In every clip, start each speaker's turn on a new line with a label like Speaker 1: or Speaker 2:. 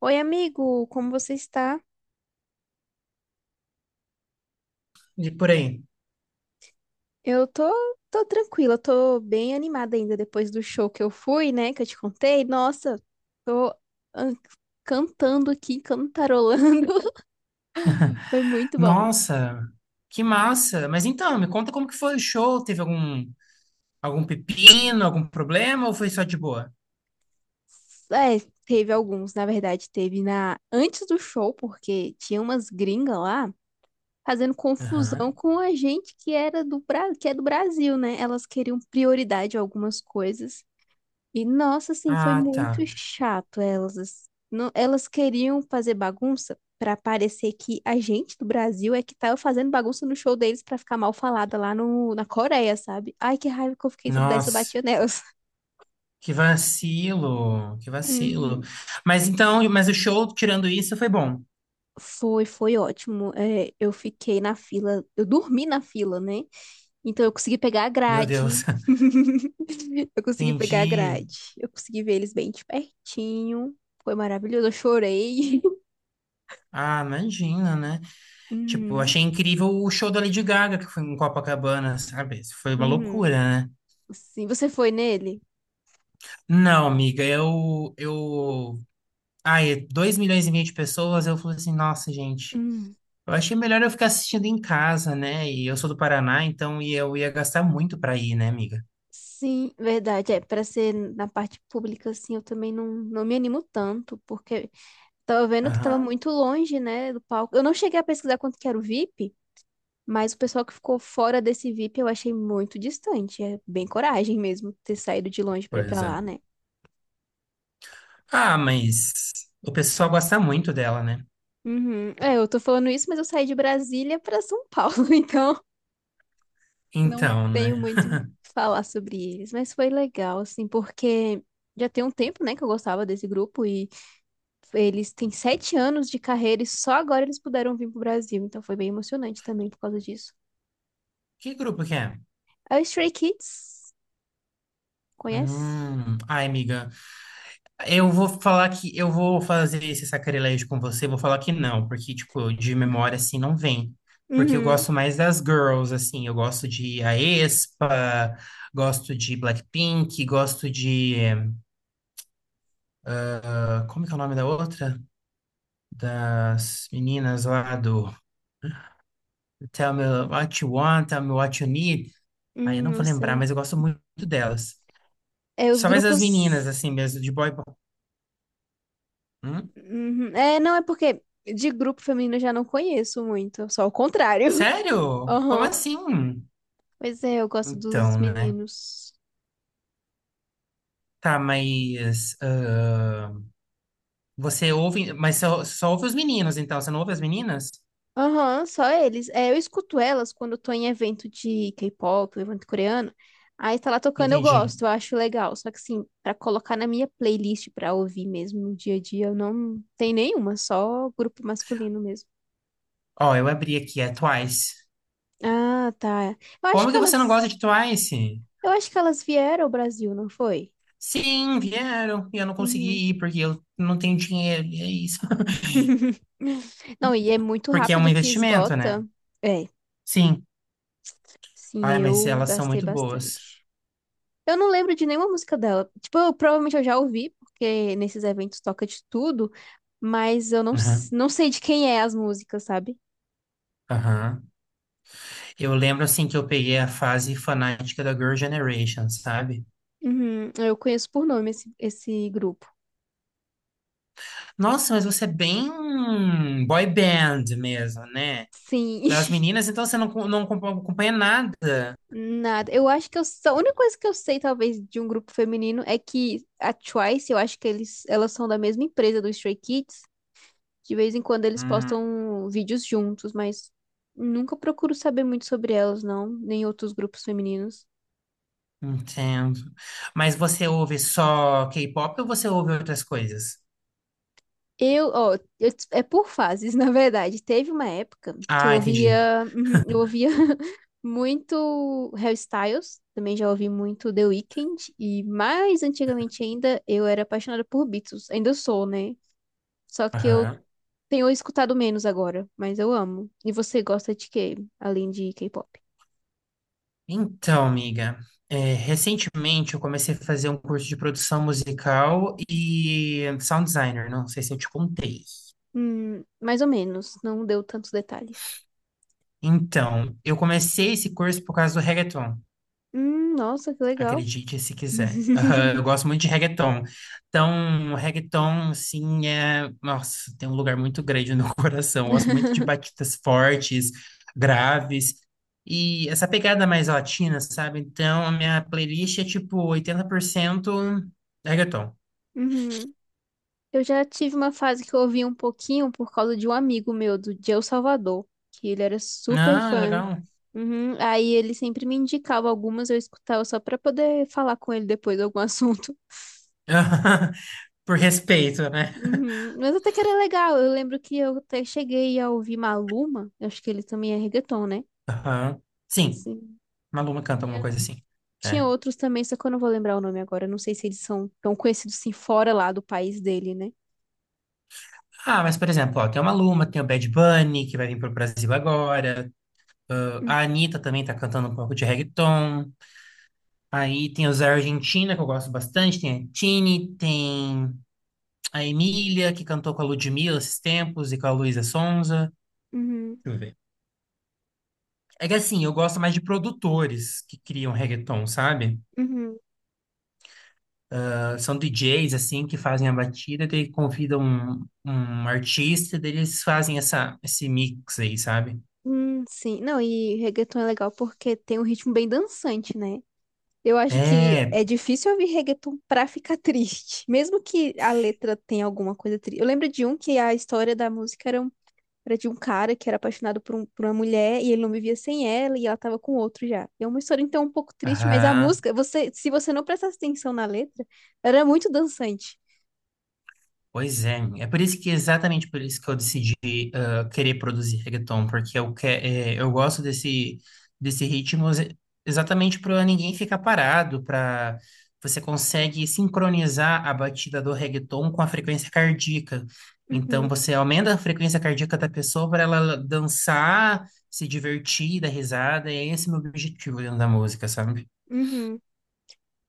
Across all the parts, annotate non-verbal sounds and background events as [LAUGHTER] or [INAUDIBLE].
Speaker 1: Oi, amigo, como você está?
Speaker 2: De por aí.
Speaker 1: Eu tô, tô tranquila, tô bem animada ainda depois do show que eu fui, né? Que eu te contei. Nossa, tô ah, cantando aqui, cantarolando. [LAUGHS] Foi muito bom.
Speaker 2: Nossa, que massa! Mas então, me conta como que foi o show? Teve algum pepino, algum problema ou foi só de boa?
Speaker 1: É, teve alguns, na verdade, teve na antes do show, porque tinha umas gringas lá fazendo confusão
Speaker 2: Aham.
Speaker 1: com a gente que era do que é do Brasil, né? Elas queriam prioridade a algumas coisas. E nossa, assim, foi
Speaker 2: Ah, tá.
Speaker 1: muito chato elas. Não, elas queriam fazer bagunça pra parecer que a gente do Brasil é que tava fazendo bagunça no show deles pra ficar mal falada lá no, na Coreia, sabe? Ai, que raiva que eu fiquei, se eu pudesse, eu
Speaker 2: Nossa,
Speaker 1: batia nelas. [LAUGHS]
Speaker 2: que vacilo, que vacilo.
Speaker 1: Uhum.
Speaker 2: Mas então, mas o show, tirando isso, foi bom.
Speaker 1: Foi, foi ótimo. É, eu fiquei na fila, eu dormi na fila, né? Então eu consegui pegar a
Speaker 2: Meu Deus,
Speaker 1: grade. [LAUGHS] Eu
Speaker 2: [LAUGHS]
Speaker 1: consegui pegar a
Speaker 2: entendi.
Speaker 1: grade. Eu consegui ver eles bem de pertinho. Foi maravilhoso, eu chorei. [LAUGHS]
Speaker 2: Ah, imagina, né? Tipo,
Speaker 1: Uhum.
Speaker 2: achei incrível o show da Lady Gaga, que foi em Copacabana, sabe? Isso foi uma
Speaker 1: Uhum.
Speaker 2: loucura, né?
Speaker 1: Sim, você foi nele?
Speaker 2: Não, amiga, eu ai, 2,5 milhões de pessoas, eu falei assim, nossa, gente,
Speaker 1: Hum.
Speaker 2: eu achei melhor eu ficar assistindo em casa, né? E eu sou do Paraná, então e eu ia gastar muito pra ir, né, amiga?
Speaker 1: Sim, verdade. É, para ser na parte pública, assim, eu também não me animo tanto, porque tava vendo que tava
Speaker 2: Aham,
Speaker 1: muito longe, né, do palco. Eu não cheguei a pesquisar quanto que era o VIP, mas o pessoal que ficou fora desse VIP eu achei muito distante. É bem coragem mesmo ter saído de longe pra ir pra
Speaker 2: pois é.
Speaker 1: lá, né?
Speaker 2: Ah, mas o pessoal gosta muito dela, né?
Speaker 1: Uhum. É, eu tô falando isso, mas eu saí de Brasília pra São Paulo, [LAUGHS] então não
Speaker 2: Então,
Speaker 1: tenho
Speaker 2: né?
Speaker 1: muito o que falar sobre eles, mas foi legal, assim, porque já tem um tempo, né, que eu gostava desse grupo e eles têm sete anos de carreira e só agora eles puderam vir pro Brasil, então foi bem emocionante também por causa disso.
Speaker 2: Que grupo que é?
Speaker 1: É o Stray Kids, conhece?
Speaker 2: Ai, amiga, eu vou falar que eu vou fazer esse sacrilégio com você, vou falar que não, porque, tipo, de memória, assim, não vem. Porque eu
Speaker 1: Uhum.
Speaker 2: gosto mais das girls, assim, eu gosto de aespa, gosto de Blackpink, gosto de... ah, como que é o nome da outra? Das meninas lá do Tell Me What You Want, Tell Me What You Need. Aí eu não
Speaker 1: Não
Speaker 2: vou lembrar,
Speaker 1: sei.
Speaker 2: mas eu gosto muito delas.
Speaker 1: É, os
Speaker 2: Só mais as meninas,
Speaker 1: grupos.
Speaker 2: assim, mesmo, de boy... Hum?
Speaker 1: Uhum. É, não, é porque de grupo feminino eu já não conheço muito, só o contrário. [LAUGHS]
Speaker 2: Sério? Como
Speaker 1: Aham.
Speaker 2: assim?
Speaker 1: Pois é, eu gosto dos
Speaker 2: Então, né?
Speaker 1: meninos.
Speaker 2: Tá, mas ah, você ouve, mas só ouve os meninos, então você não ouve as meninas?
Speaker 1: Aham, só eles. É, eu escuto elas quando eu tô em evento de K-pop, evento coreano. Aí tá lá tocando, eu
Speaker 2: Entendi.
Speaker 1: gosto, eu acho legal. Só que assim, pra colocar na minha playlist pra ouvir mesmo no dia a dia, eu não tenho nenhuma, só grupo masculino mesmo.
Speaker 2: Ó, eu abri aqui, é Twice.
Speaker 1: Ah, tá.
Speaker 2: Como que você não gosta de Twice?
Speaker 1: Eu acho que elas vieram ao Brasil, não foi?
Speaker 2: Sim, vieram e eu não
Speaker 1: Uhum.
Speaker 2: consegui ir porque eu não tenho dinheiro, e é isso. [LAUGHS]
Speaker 1: [LAUGHS] Não, e é muito
Speaker 2: Porque é um
Speaker 1: rápido que
Speaker 2: investimento, né?
Speaker 1: esgota. É,
Speaker 2: Sim.
Speaker 1: sim,
Speaker 2: Ai, mas
Speaker 1: eu
Speaker 2: elas são
Speaker 1: gastei
Speaker 2: muito boas.
Speaker 1: bastante. Eu não lembro de nenhuma música dela. Tipo, eu, provavelmente eu já ouvi, porque nesses eventos toca de tudo, mas eu não, s-
Speaker 2: Aham,
Speaker 1: não sei de quem é as músicas, sabe?
Speaker 2: aham. Eu lembro assim que eu peguei a fase fanática da Girl Generation, sabe?
Speaker 1: Uhum, eu conheço por nome esse grupo.
Speaker 2: Nossa, mas você é bem boy band mesmo, né?
Speaker 1: Sim,
Speaker 2: Das
Speaker 1: [LAUGHS]
Speaker 2: meninas, então você não, não acompanha nada.
Speaker 1: nada. Eu acho que a única coisa que eu sei, talvez, de um grupo feminino é que a Twice, eu acho que elas são da mesma empresa do Stray Kids. De vez em quando eles
Speaker 2: Hum,
Speaker 1: postam vídeos juntos, mas nunca procuro saber muito sobre elas, não, nem outros grupos femininos.
Speaker 2: entendo. Mas você ouve só K-pop ou você ouve outras coisas?
Speaker 1: É por fases, [LAUGHS] na verdade. Teve uma época que
Speaker 2: Ah, entendi.
Speaker 1: eu ouvia [LAUGHS] muito Harry Styles, também já ouvi muito The Weeknd e mais antigamente ainda eu era apaixonada por Beatles. Ainda sou, né? Só que eu
Speaker 2: Aham.
Speaker 1: tenho escutado menos agora, mas eu amo. E você gosta de quê, além de K-pop?
Speaker 2: Então, amiga, é, recentemente eu comecei a fazer um curso de produção musical e sound designer, não sei se eu te contei.
Speaker 1: Mais ou menos, não deu tantos detalhes.
Speaker 2: Então, eu comecei esse curso por causa do reggaeton.
Speaker 1: Nossa, que legal.
Speaker 2: Acredite se quiser. Aham,
Speaker 1: [LAUGHS]
Speaker 2: eu gosto muito de reggaeton. Então, reggaeton, assim, é... Nossa, tem um lugar muito grande no meu [LAUGHS] coração. Eu gosto muito de batidas fortes, graves. E essa pegada mais latina, sabe? Então, a minha playlist é, tipo, 80% reggaeton.
Speaker 1: Uhum. Eu já tive uma fase que eu ouvi um pouquinho por causa de um amigo meu do de El Salvador, que ele era super
Speaker 2: Ah,
Speaker 1: fã.
Speaker 2: legal.
Speaker 1: Uhum. Aí ele sempre me indicava algumas, eu escutava só pra poder falar com ele depois de algum [LAUGHS] assunto.
Speaker 2: [LAUGHS] Por respeito, né?
Speaker 1: Uhum. Mas até que era legal. Eu lembro que eu até cheguei a ouvir Maluma, eu acho que ele também é reggaeton, né?
Speaker 2: Aham. Sim,
Speaker 1: Sim.
Speaker 2: Maluma canta
Speaker 1: E
Speaker 2: alguma
Speaker 1: eu-
Speaker 2: coisa assim.
Speaker 1: Tinha
Speaker 2: É.
Speaker 1: outros também, só que eu não vou lembrar o nome agora. Eu Não sei se eles são tão conhecidos assim fora lá do país dele, né?
Speaker 2: Ah, mas, por exemplo, ó, tem o Maluma, tem o Bad Bunny, que vai vir pro Brasil agora. Ah,
Speaker 1: Uhum,
Speaker 2: a Anitta também tá cantando um pouco de reggaeton. Aí tem os da Argentina, que eu gosto bastante. Tem a Tini, tem a Emília, que cantou com a Ludmilla esses tempos, e com a Luísa Sonza.
Speaker 1: uhum.
Speaker 2: Deixa eu ver. É que assim, eu gosto mais de produtores que criam reggaeton, sabe?
Speaker 1: Uhum.
Speaker 2: Ah, são DJs, assim, que fazem a batida, daí convidam um artista, daí eles fazem esse mix aí, sabe?
Speaker 1: Sim. Não, e reggaeton é legal porque tem um ritmo bem dançante, né? Eu acho que
Speaker 2: É,
Speaker 1: é difícil ouvir reggaeton pra ficar [LAUGHS] triste, mesmo que a letra tenha alguma coisa triste. Eu lembro de um que a história da música era, um- era de um cara que era apaixonado por, por uma mulher e ele não vivia sem ela e ela tava com outro já. E é uma história então um pouco triste, mas a
Speaker 2: aham,
Speaker 1: música, você, se você não prestasse atenção na letra, era muito dançante.
Speaker 2: pois é. É por isso que, exatamente por isso que eu decidi querer produzir reggaeton, porque eu, que, é, eu gosto desse ritmo exatamente para ninguém ficar parado, para você consegue sincronizar a batida do reggaeton com a frequência cardíaca.
Speaker 1: Uhum,
Speaker 2: Então você aumenta a frequência cardíaca da pessoa para ela dançar, se divertir, dar risada, e esse é esse o meu objetivo dentro da música, sabe?
Speaker 1: uhum.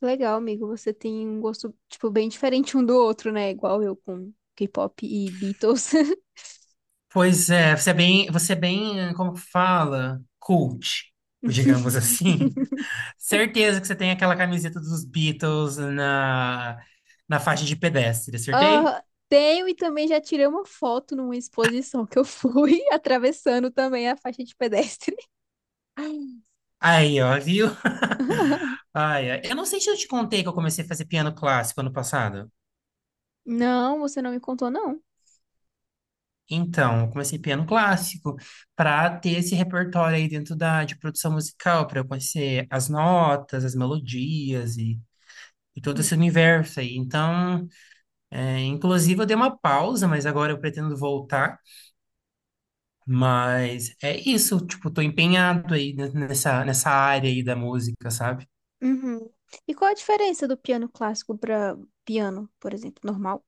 Speaker 1: Legal, amigo. Você tem um gosto, tipo, bem diferente um do outro, né? Igual eu com K-pop e Beatles.
Speaker 2: Pois é, você é bem, como que fala, cult, digamos [LAUGHS] assim.
Speaker 1: [LAUGHS]
Speaker 2: Certeza que você tem aquela camiseta dos Beatles na faixa de pedestre, acertei?
Speaker 1: Ah, tenho e também já tirei uma foto numa exposição que eu fui [LAUGHS] atravessando também a faixa de pedestre.
Speaker 2: Aí, ó, viu? Ai, ai. Eu não sei se eu te contei que eu comecei a fazer piano clássico ano passado.
Speaker 1: Não, você não me contou, não.
Speaker 2: Então, eu comecei piano clássico para ter esse repertório aí dentro de produção musical, para eu conhecer as notas, as melodias e todo
Speaker 1: Uhum.
Speaker 2: esse universo aí. Então, é, inclusive, eu dei uma pausa, mas agora eu pretendo voltar. Mas é isso, tipo, tô empenhado aí nessa área aí da música, sabe?
Speaker 1: Uhum. E qual a diferença do piano clássico para piano, por exemplo, normal?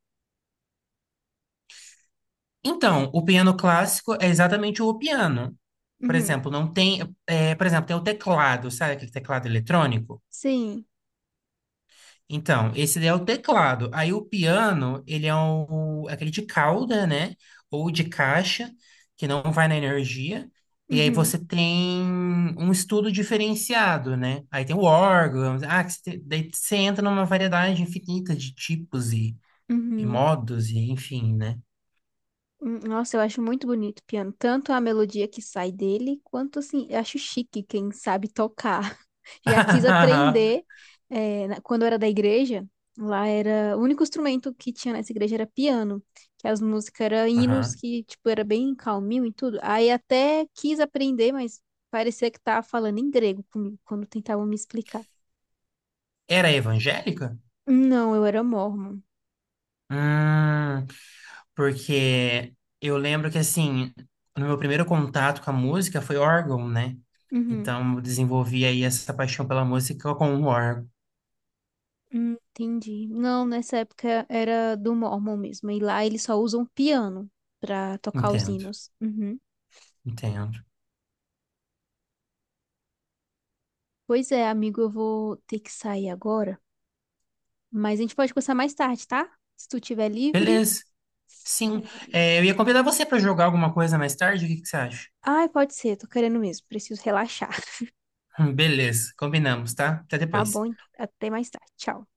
Speaker 2: Então, o piano clássico é exatamente o piano. Por
Speaker 1: Uhum.
Speaker 2: exemplo, não tem, é, por exemplo, tem o teclado, sabe aquele teclado eletrônico?
Speaker 1: Sim.
Speaker 2: Então, esse daí é o teclado. Aí o piano, ele é um, aquele de cauda, né? Ou de caixa, que não vai na energia. E aí
Speaker 1: Uhum.
Speaker 2: você tem um estudo diferenciado, né? Aí tem o órgão. Ah, que você daí você entra numa variedade infinita de tipos e
Speaker 1: Uhum.
Speaker 2: modos, e enfim, né?
Speaker 1: Nossa, eu acho muito bonito o piano. Tanto a melodia que sai dele, quanto assim, eu acho chique quem sabe tocar. [LAUGHS] Já quis aprender,
Speaker 2: [LAUGHS]
Speaker 1: quando eu era da igreja, lá era. O único instrumento que tinha nessa igreja era piano, que as músicas eram hinos
Speaker 2: Aham.
Speaker 1: que, tipo, era bem calminho e tudo. Aí até quis aprender, mas parecia que tava falando em grego comigo, quando tentavam me explicar.
Speaker 2: Era evangélica?
Speaker 1: Não, eu era mórmon.
Speaker 2: Hum. Porque eu lembro que, assim, no meu primeiro contato com a música foi órgão, né?
Speaker 1: Uhum.
Speaker 2: Então, eu desenvolvi aí essa paixão pela música com o órgão.
Speaker 1: Entendi. Não, nessa época era do Mormon mesmo. E lá eles só usam piano pra tocar os
Speaker 2: Entendo,
Speaker 1: hinos. Uhum.
Speaker 2: entendo.
Speaker 1: Pois é, amigo, eu vou ter que sair agora. Mas a gente pode conversar mais tarde, tá? Se tu tiver livre.
Speaker 2: Beleza. Sim,
Speaker 1: É...
Speaker 2: é, eu ia convidar você para jogar alguma coisa mais tarde, o que que você acha?
Speaker 1: Ai, pode ser, tô querendo mesmo. Preciso relaxar. [LAUGHS]
Speaker 2: [LAUGHS] Beleza, combinamos, tá? Até
Speaker 1: Tá
Speaker 2: depois.
Speaker 1: bom, até mais tarde. Tchau.